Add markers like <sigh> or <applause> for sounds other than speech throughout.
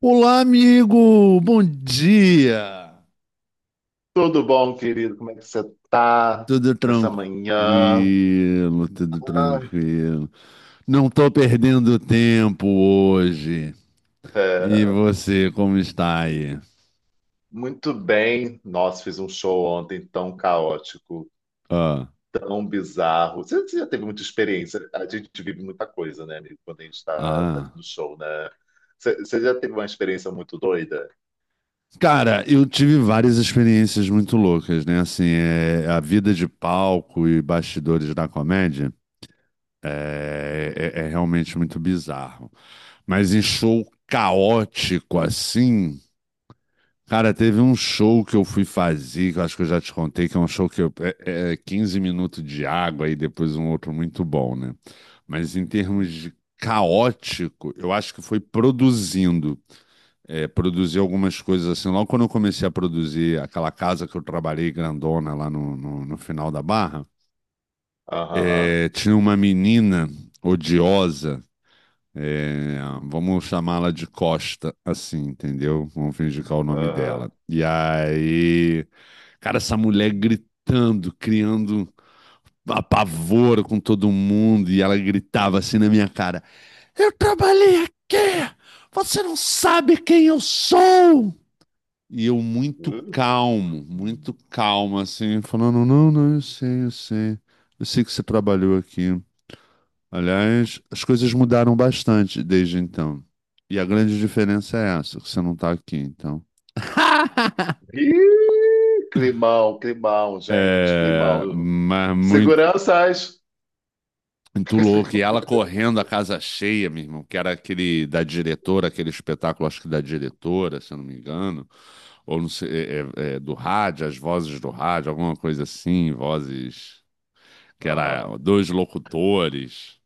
Olá, amigo! Bom dia! Tudo bom, querido? Como é que você tá Tudo nessa tranquilo, manhã? tudo Ai, tranquilo. Não tô perdendo tempo hoje. E é, você, como está aí? muito bem. Nossa, fiz um show ontem tão caótico, Ah, tão bizarro. Você já teve muita experiência. A gente vive muita coisa, né, amigo, quando a gente está ah. fazendo show, né? Você já teve uma experiência muito doida? Cara, eu tive várias experiências muito loucas, né? Assim, a vida de palco e bastidores da comédia é realmente muito bizarro. Mas em show caótico assim. Cara, teve um show que eu fui fazer, que eu acho que eu já te contei, que é um show que eu, é 15 minutos de água e depois um outro muito bom, né? Mas em termos de caótico, eu acho que foi produzindo. É, produzir algumas coisas assim. Logo quando eu comecei a produzir aquela casa que eu trabalhei grandona lá no, no final da Barra, Aham, tinha uma menina odiosa. é, Vamos chamá-la de Costa, assim, entendeu? Vamos fingir que é o nome aham. dela. E aí, cara, essa mulher gritando, criando apavoro com todo mundo, e ela gritava assim na minha cara: Eu trabalhei aqui! Você não sabe quem eu sou! E eu muito calmo, assim, falando: Não, não, eu sei, eu sei. Eu sei que você trabalhou aqui. Aliás, as coisas mudaram bastante desde então. E a grande diferença é essa, que você não tá aqui, então. <laughs> Ih, climão, climão, gente, É, climão. mas muito, Seguranças! muito louco. E <laughs> ela correndo a casa cheia, meu irmão, que era aquele da diretora, aquele espetáculo, acho que da diretora, se eu não me engano, ou não sei, é do rádio, as vozes do rádio, alguma coisa assim, vozes que era Aham. dois locutores.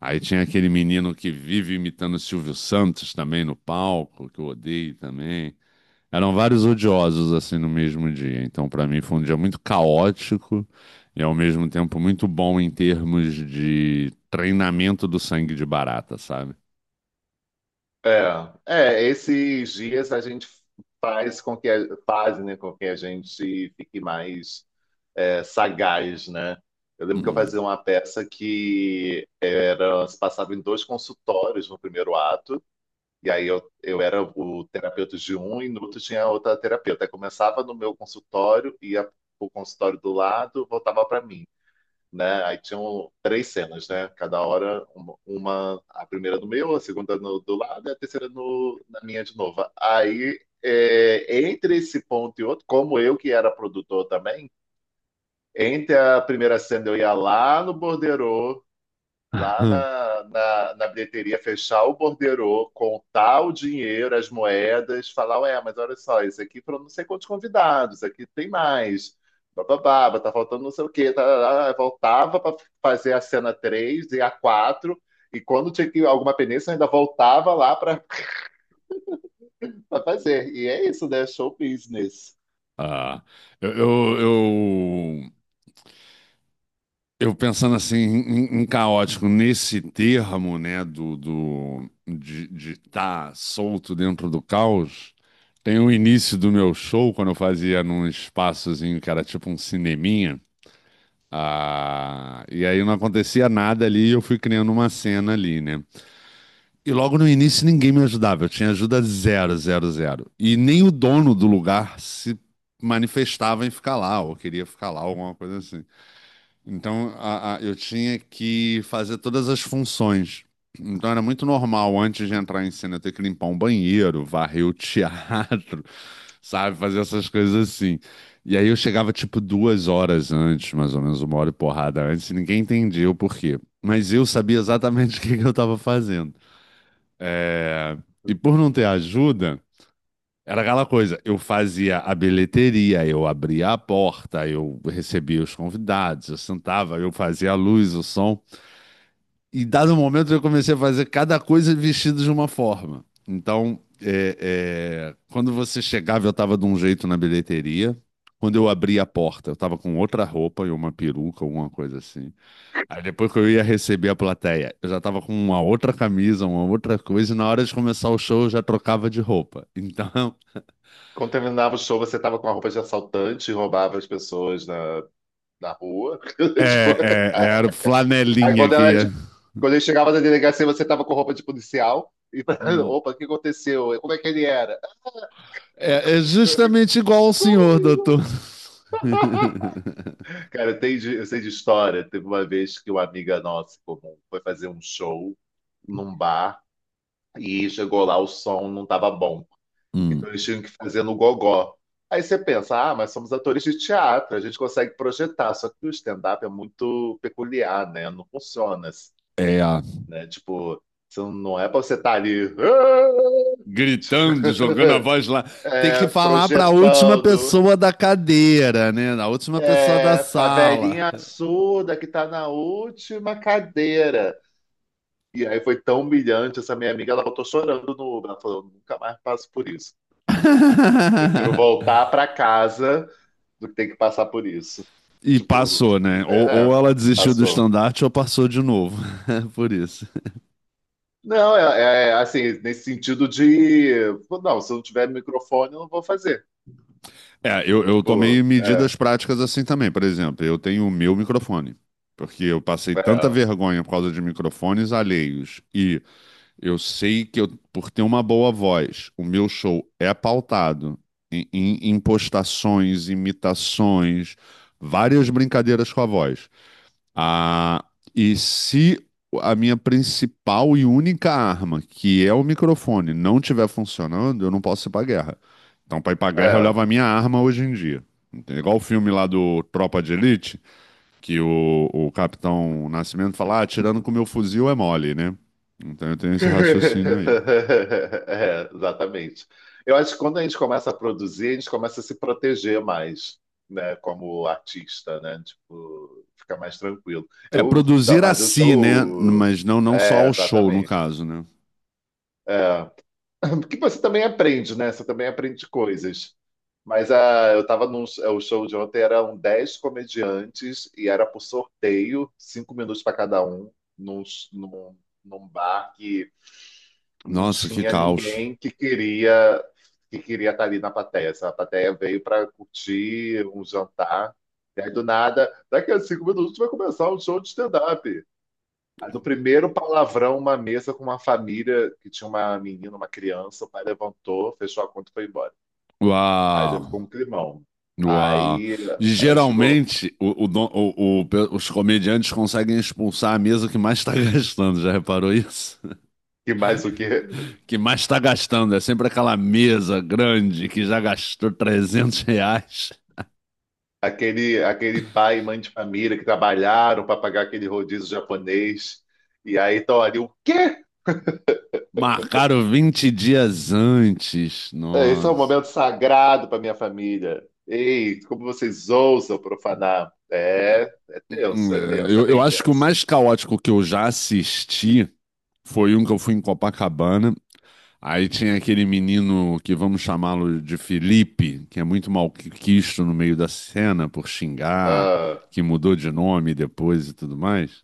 Aí tinha aquele menino que vive imitando o Silvio Santos também no palco, que eu odeio também. Eram vários odiosos assim no mesmo dia. Então, para mim, foi um dia muito caótico e ao mesmo tempo muito bom em termos de treinamento do sangue de barata, sabe? É, é, esses dias a gente faz com que faz, né, com que a gente fique mais sagaz, né? Eu lembro que eu Hum. fazia uma peça que era, se passava em dois consultórios no primeiro ato, e aí eu era o terapeuta de um e no outro tinha outra terapeuta. Aí começava no meu consultório, ia para o consultório do lado, voltava para mim, né? Aí tinham três cenas, né? Cada hora, a primeira do meu, a segunda do lado e a terceira no, na minha de novo. Aí, entre esse ponto e outro, como eu que era produtor também, entre a primeira cena eu ia lá no borderô lá <laughs> na bilheteria fechar o borderô, contar o dinheiro, as moedas, falar, ué, mas olha só, isso aqui foram não sei quantos convidados, isso aqui tem mais, bababá, tá faltando não sei o quê, tá, tá, tá. Voltava para fazer a cena 3 e a quatro, e quando tinha que alguma penência, eu ainda voltava lá para fazer. E é isso, né? Show business. Ah, eu, eu, eu, eu pensando assim em, caótico nesse termo, né, do de estar solto dentro do caos. Tem o início do meu show, quando eu fazia num espaçozinho que era tipo um cineminha. Ah, e aí não acontecia nada ali e eu fui criando uma cena ali, né? E logo no início ninguém me ajudava, eu tinha ajuda zero, zero, zero. E nem o dono do lugar se manifestava em ficar lá, ou queria ficar lá, alguma coisa assim. Então, eu tinha que fazer todas as funções. Então, era muito normal, antes de entrar em cena, eu ter que limpar um banheiro, varrer o teatro, <laughs> sabe? Fazer essas coisas assim. E aí, eu chegava, tipo, 2 horas antes, mais ou menos, uma hora e porrada antes, e ninguém entendia o porquê. Mas eu sabia exatamente <laughs> o que que eu estava fazendo. É. E por não ter ajuda. Era aquela coisa, eu fazia a bilheteria, eu abria a porta, eu recebia os convidados, eu sentava, eu fazia a luz, o som. E dado um momento eu comecei a fazer cada coisa vestido de uma forma. Então, quando você chegava, eu estava de um jeito na bilheteria. Quando eu abria a porta, eu estava com outra roupa e uma peruca, alguma coisa assim. Aí depois que eu ia receber a plateia, eu já estava com uma outra camisa, uma outra coisa, e na hora de começar o show eu já trocava de roupa. Então. Quando terminava o show, você tava com a roupa de assaltante e roubava as pessoas na rua. É, <laughs> Tipo, é, é, era o aí flanelinha que ia. Quando ele chegava na delegacia, você tava com roupa de policial. E, <laughs> Hum. opa, o que aconteceu? Como é que ele era? É, é justamente igual ao senhor, <laughs> doutor. <laughs> Cara, eu sei de história. Teve uma vez que uma amiga nossa em comum foi fazer um show num bar, e chegou lá, o som não estava bom. Hum. Então eles tinham que fazer no gogó. Aí você pensa, ah, mas somos atores de teatro, a gente consegue projetar. Só que o stand-up é muito peculiar, né? Não funciona, É, né? Tipo, você não é pra você estar ali. "Ah!" <laughs> gritando, jogando a voz lá. Tem que falar para a última projetando. pessoa da cadeira, né? A última pessoa da É, a sala. velhinha surda que tá na última cadeira. E aí foi tão humilhante essa minha amiga, ela voltou chorando no Uber. Ela falou: eu nunca mais passo por isso. Eu prefiro <laughs> voltar pra casa do que ter que passar por isso. E Tipo, passou, né? Ou, é, ou é, ela desistiu do passou. estandarte ou passou de novo. <laughs> Por isso. Não, assim, nesse sentido de. Não, se eu não tiver microfone, eu não vou fazer. É, eu tomei Tipo, é, medidas práticas assim também. Por exemplo, eu tenho o meu microfone, porque eu passei tanta é, vergonha por causa de microfones alheios. E eu sei que eu, por ter uma boa voz, o meu show é pautado em, impostações, imitações, várias brincadeiras com a voz. Ah, e se a minha principal e única arma, que é o microfone, não estiver funcionando, eu não posso ir pra guerra. Então, pra ir pra guerra, eu levo a é. minha arma hoje em dia. Entende? Igual o filme lá do Tropa de Elite, que o Capitão Nascimento fala, atirando com meu fuzil é mole, né? Então eu tenho esse <laughs> raciocínio aí. É, exatamente. Eu acho que quando a gente começa a produzir, a gente começa a se proteger mais, né, como artista, né? Tipo, fica mais tranquilo. É, Eu, tá, produzir a mas eu si, né? show, Mas não, não só ao show, no exatamente. caso, né? É. <clears throat> <laughs> Porque você também aprende, né? Você também aprende coisas. Mas eu tava num o show de ontem, eram 10 comediantes e era por sorteio, 5 minutos para cada um, num, num, num bar que não Nossa, que tinha caos. ninguém que queria estar ali na plateia. Sabe? A plateia veio para curtir um jantar. E aí, do nada, daqui a 5 minutos vai começar um show de stand-up. Aí, no primeiro palavrão, uma mesa com uma família que tinha uma menina, uma criança, o pai levantou, fechou a conta e foi embora. Aí já Uau! ficou um climão. Uau. Aí, aí chegou. Geralmente, o don- o pe- os comediantes conseguem expulsar a mesa que mais está <laughs> gastando, já reparou isso? E mais o que? Que mais está gastando, é sempre aquela mesa grande que já gastou R$ 300. Aquele pai e mãe de família que trabalharam para pagar aquele rodízio japonês. E aí estão ali, o quê? Marcaram 20 dias antes. É, esse é um Nossa. momento sagrado para minha família. Ei, como vocês ousam profanar? É, é Hum, tenso, é é, tenso, é Eu, eu bem acho que o tenso. mais caótico que eu já assisti foi um que eu fui em Copacabana. Aí tinha aquele menino que vamos chamá-lo de Felipe, que é muito malquisto no meio da cena por xingar, Ah, que mudou de nome depois e tudo mais.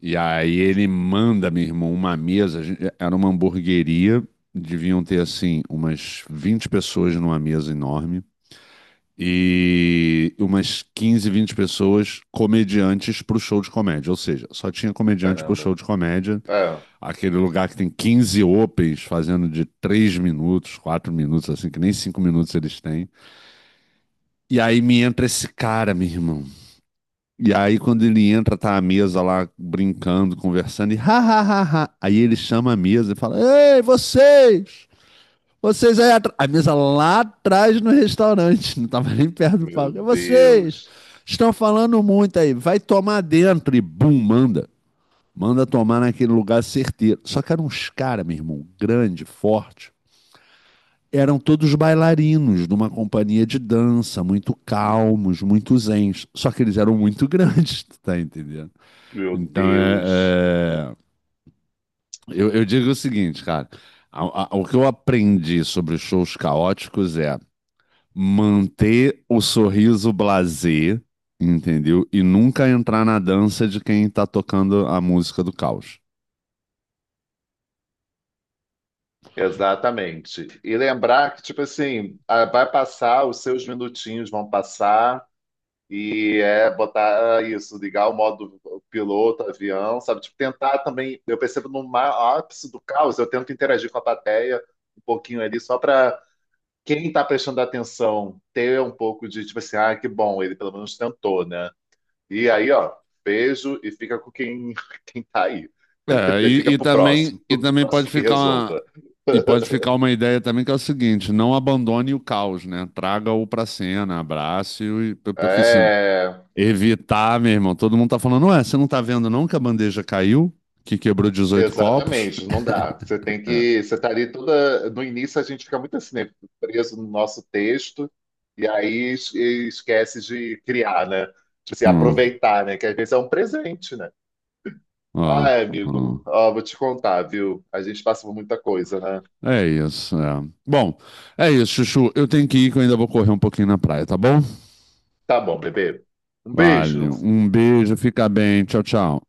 E aí ele manda, meu irmão, uma mesa. Era uma hamburgueria, deviam ter assim umas 20 pessoas numa mesa enorme e umas 15, 20 pessoas comediantes pro show de comédia. Ou seja, só tinha comediante pro caramba. show de comédia. Ah, Aquele lugar que tem 15 opens fazendo de 3 minutos, 4 minutos, assim, que nem 5 minutos eles têm. E aí me entra esse cara, meu irmão. E aí quando ele entra, tá a mesa lá brincando, conversando, e ha, ha, ha, ha. Aí ele chama a mesa e fala, ei, vocês! Vocês aí atrás. A mesa lá atrás no restaurante, <laughs> não tava nem perto do meu palco. "É, vocês Deus, estão falando muito aí, vai tomar dentro." E bum, manda. Manda tomar naquele lugar certeiro. Só que eram uns caras, meu irmão, grande, forte. Eram todos bailarinos de uma companhia de dança, muito calmos, muito zens. Só que eles eram muito <laughs> grandes, tu tá entendendo? meu Então, é, Deus. é, Eu, eu digo o seguinte, cara. O que eu aprendi sobre shows caóticos é manter o sorriso blasé, entendeu? E nunca entrar na dança de quem tá tocando a música do caos. Exatamente. E lembrar que, tipo assim, ah, vai passar, os seus minutinhos vão passar. E é botar ah, isso, ligar o modo piloto, avião, sabe? Tipo, tentar também. Eu percebo no ápice do caos, eu tento interagir com a plateia um pouquinho ali, só para quem está prestando atenção ter um pouco de, tipo assim, ah, que bom, ele pelo menos tentou, né? E aí, ó, beijo e fica com quem, <laughs> quem tá aí. É, <laughs> e, Fica e pro também, próximo, <laughs> e o também pode próximo que ficar uma, resolva. e pode <laughs> ficar uma ideia também que é o seguinte, não abandone o caos, né? Traga-o pra cena, abrace-o, porque se É. evitar, meu irmão, todo mundo tá falando, ué, você não tá vendo não que a bandeja caiu, que quebrou 18 copos? Exatamente, não dá. Você tem É. que. Você tá ali toda. No início a gente fica muito assim, né? Preso no nosso texto, e aí esquece de criar, né? Tipo assim, Hum, aproveitar, né? Que às vezes é um presente, né? ó, Ah, amigo, ó. ó, vou te contar, viu? A gente passa por muita coisa, né? É isso. É. Bom, é isso, Chuchu. Eu tenho que ir, que eu ainda vou correr um pouquinho na praia, tá bom? Tá bom, bebê. Um Vale. beijo. Um beijo, fica bem. Tchau, tchau.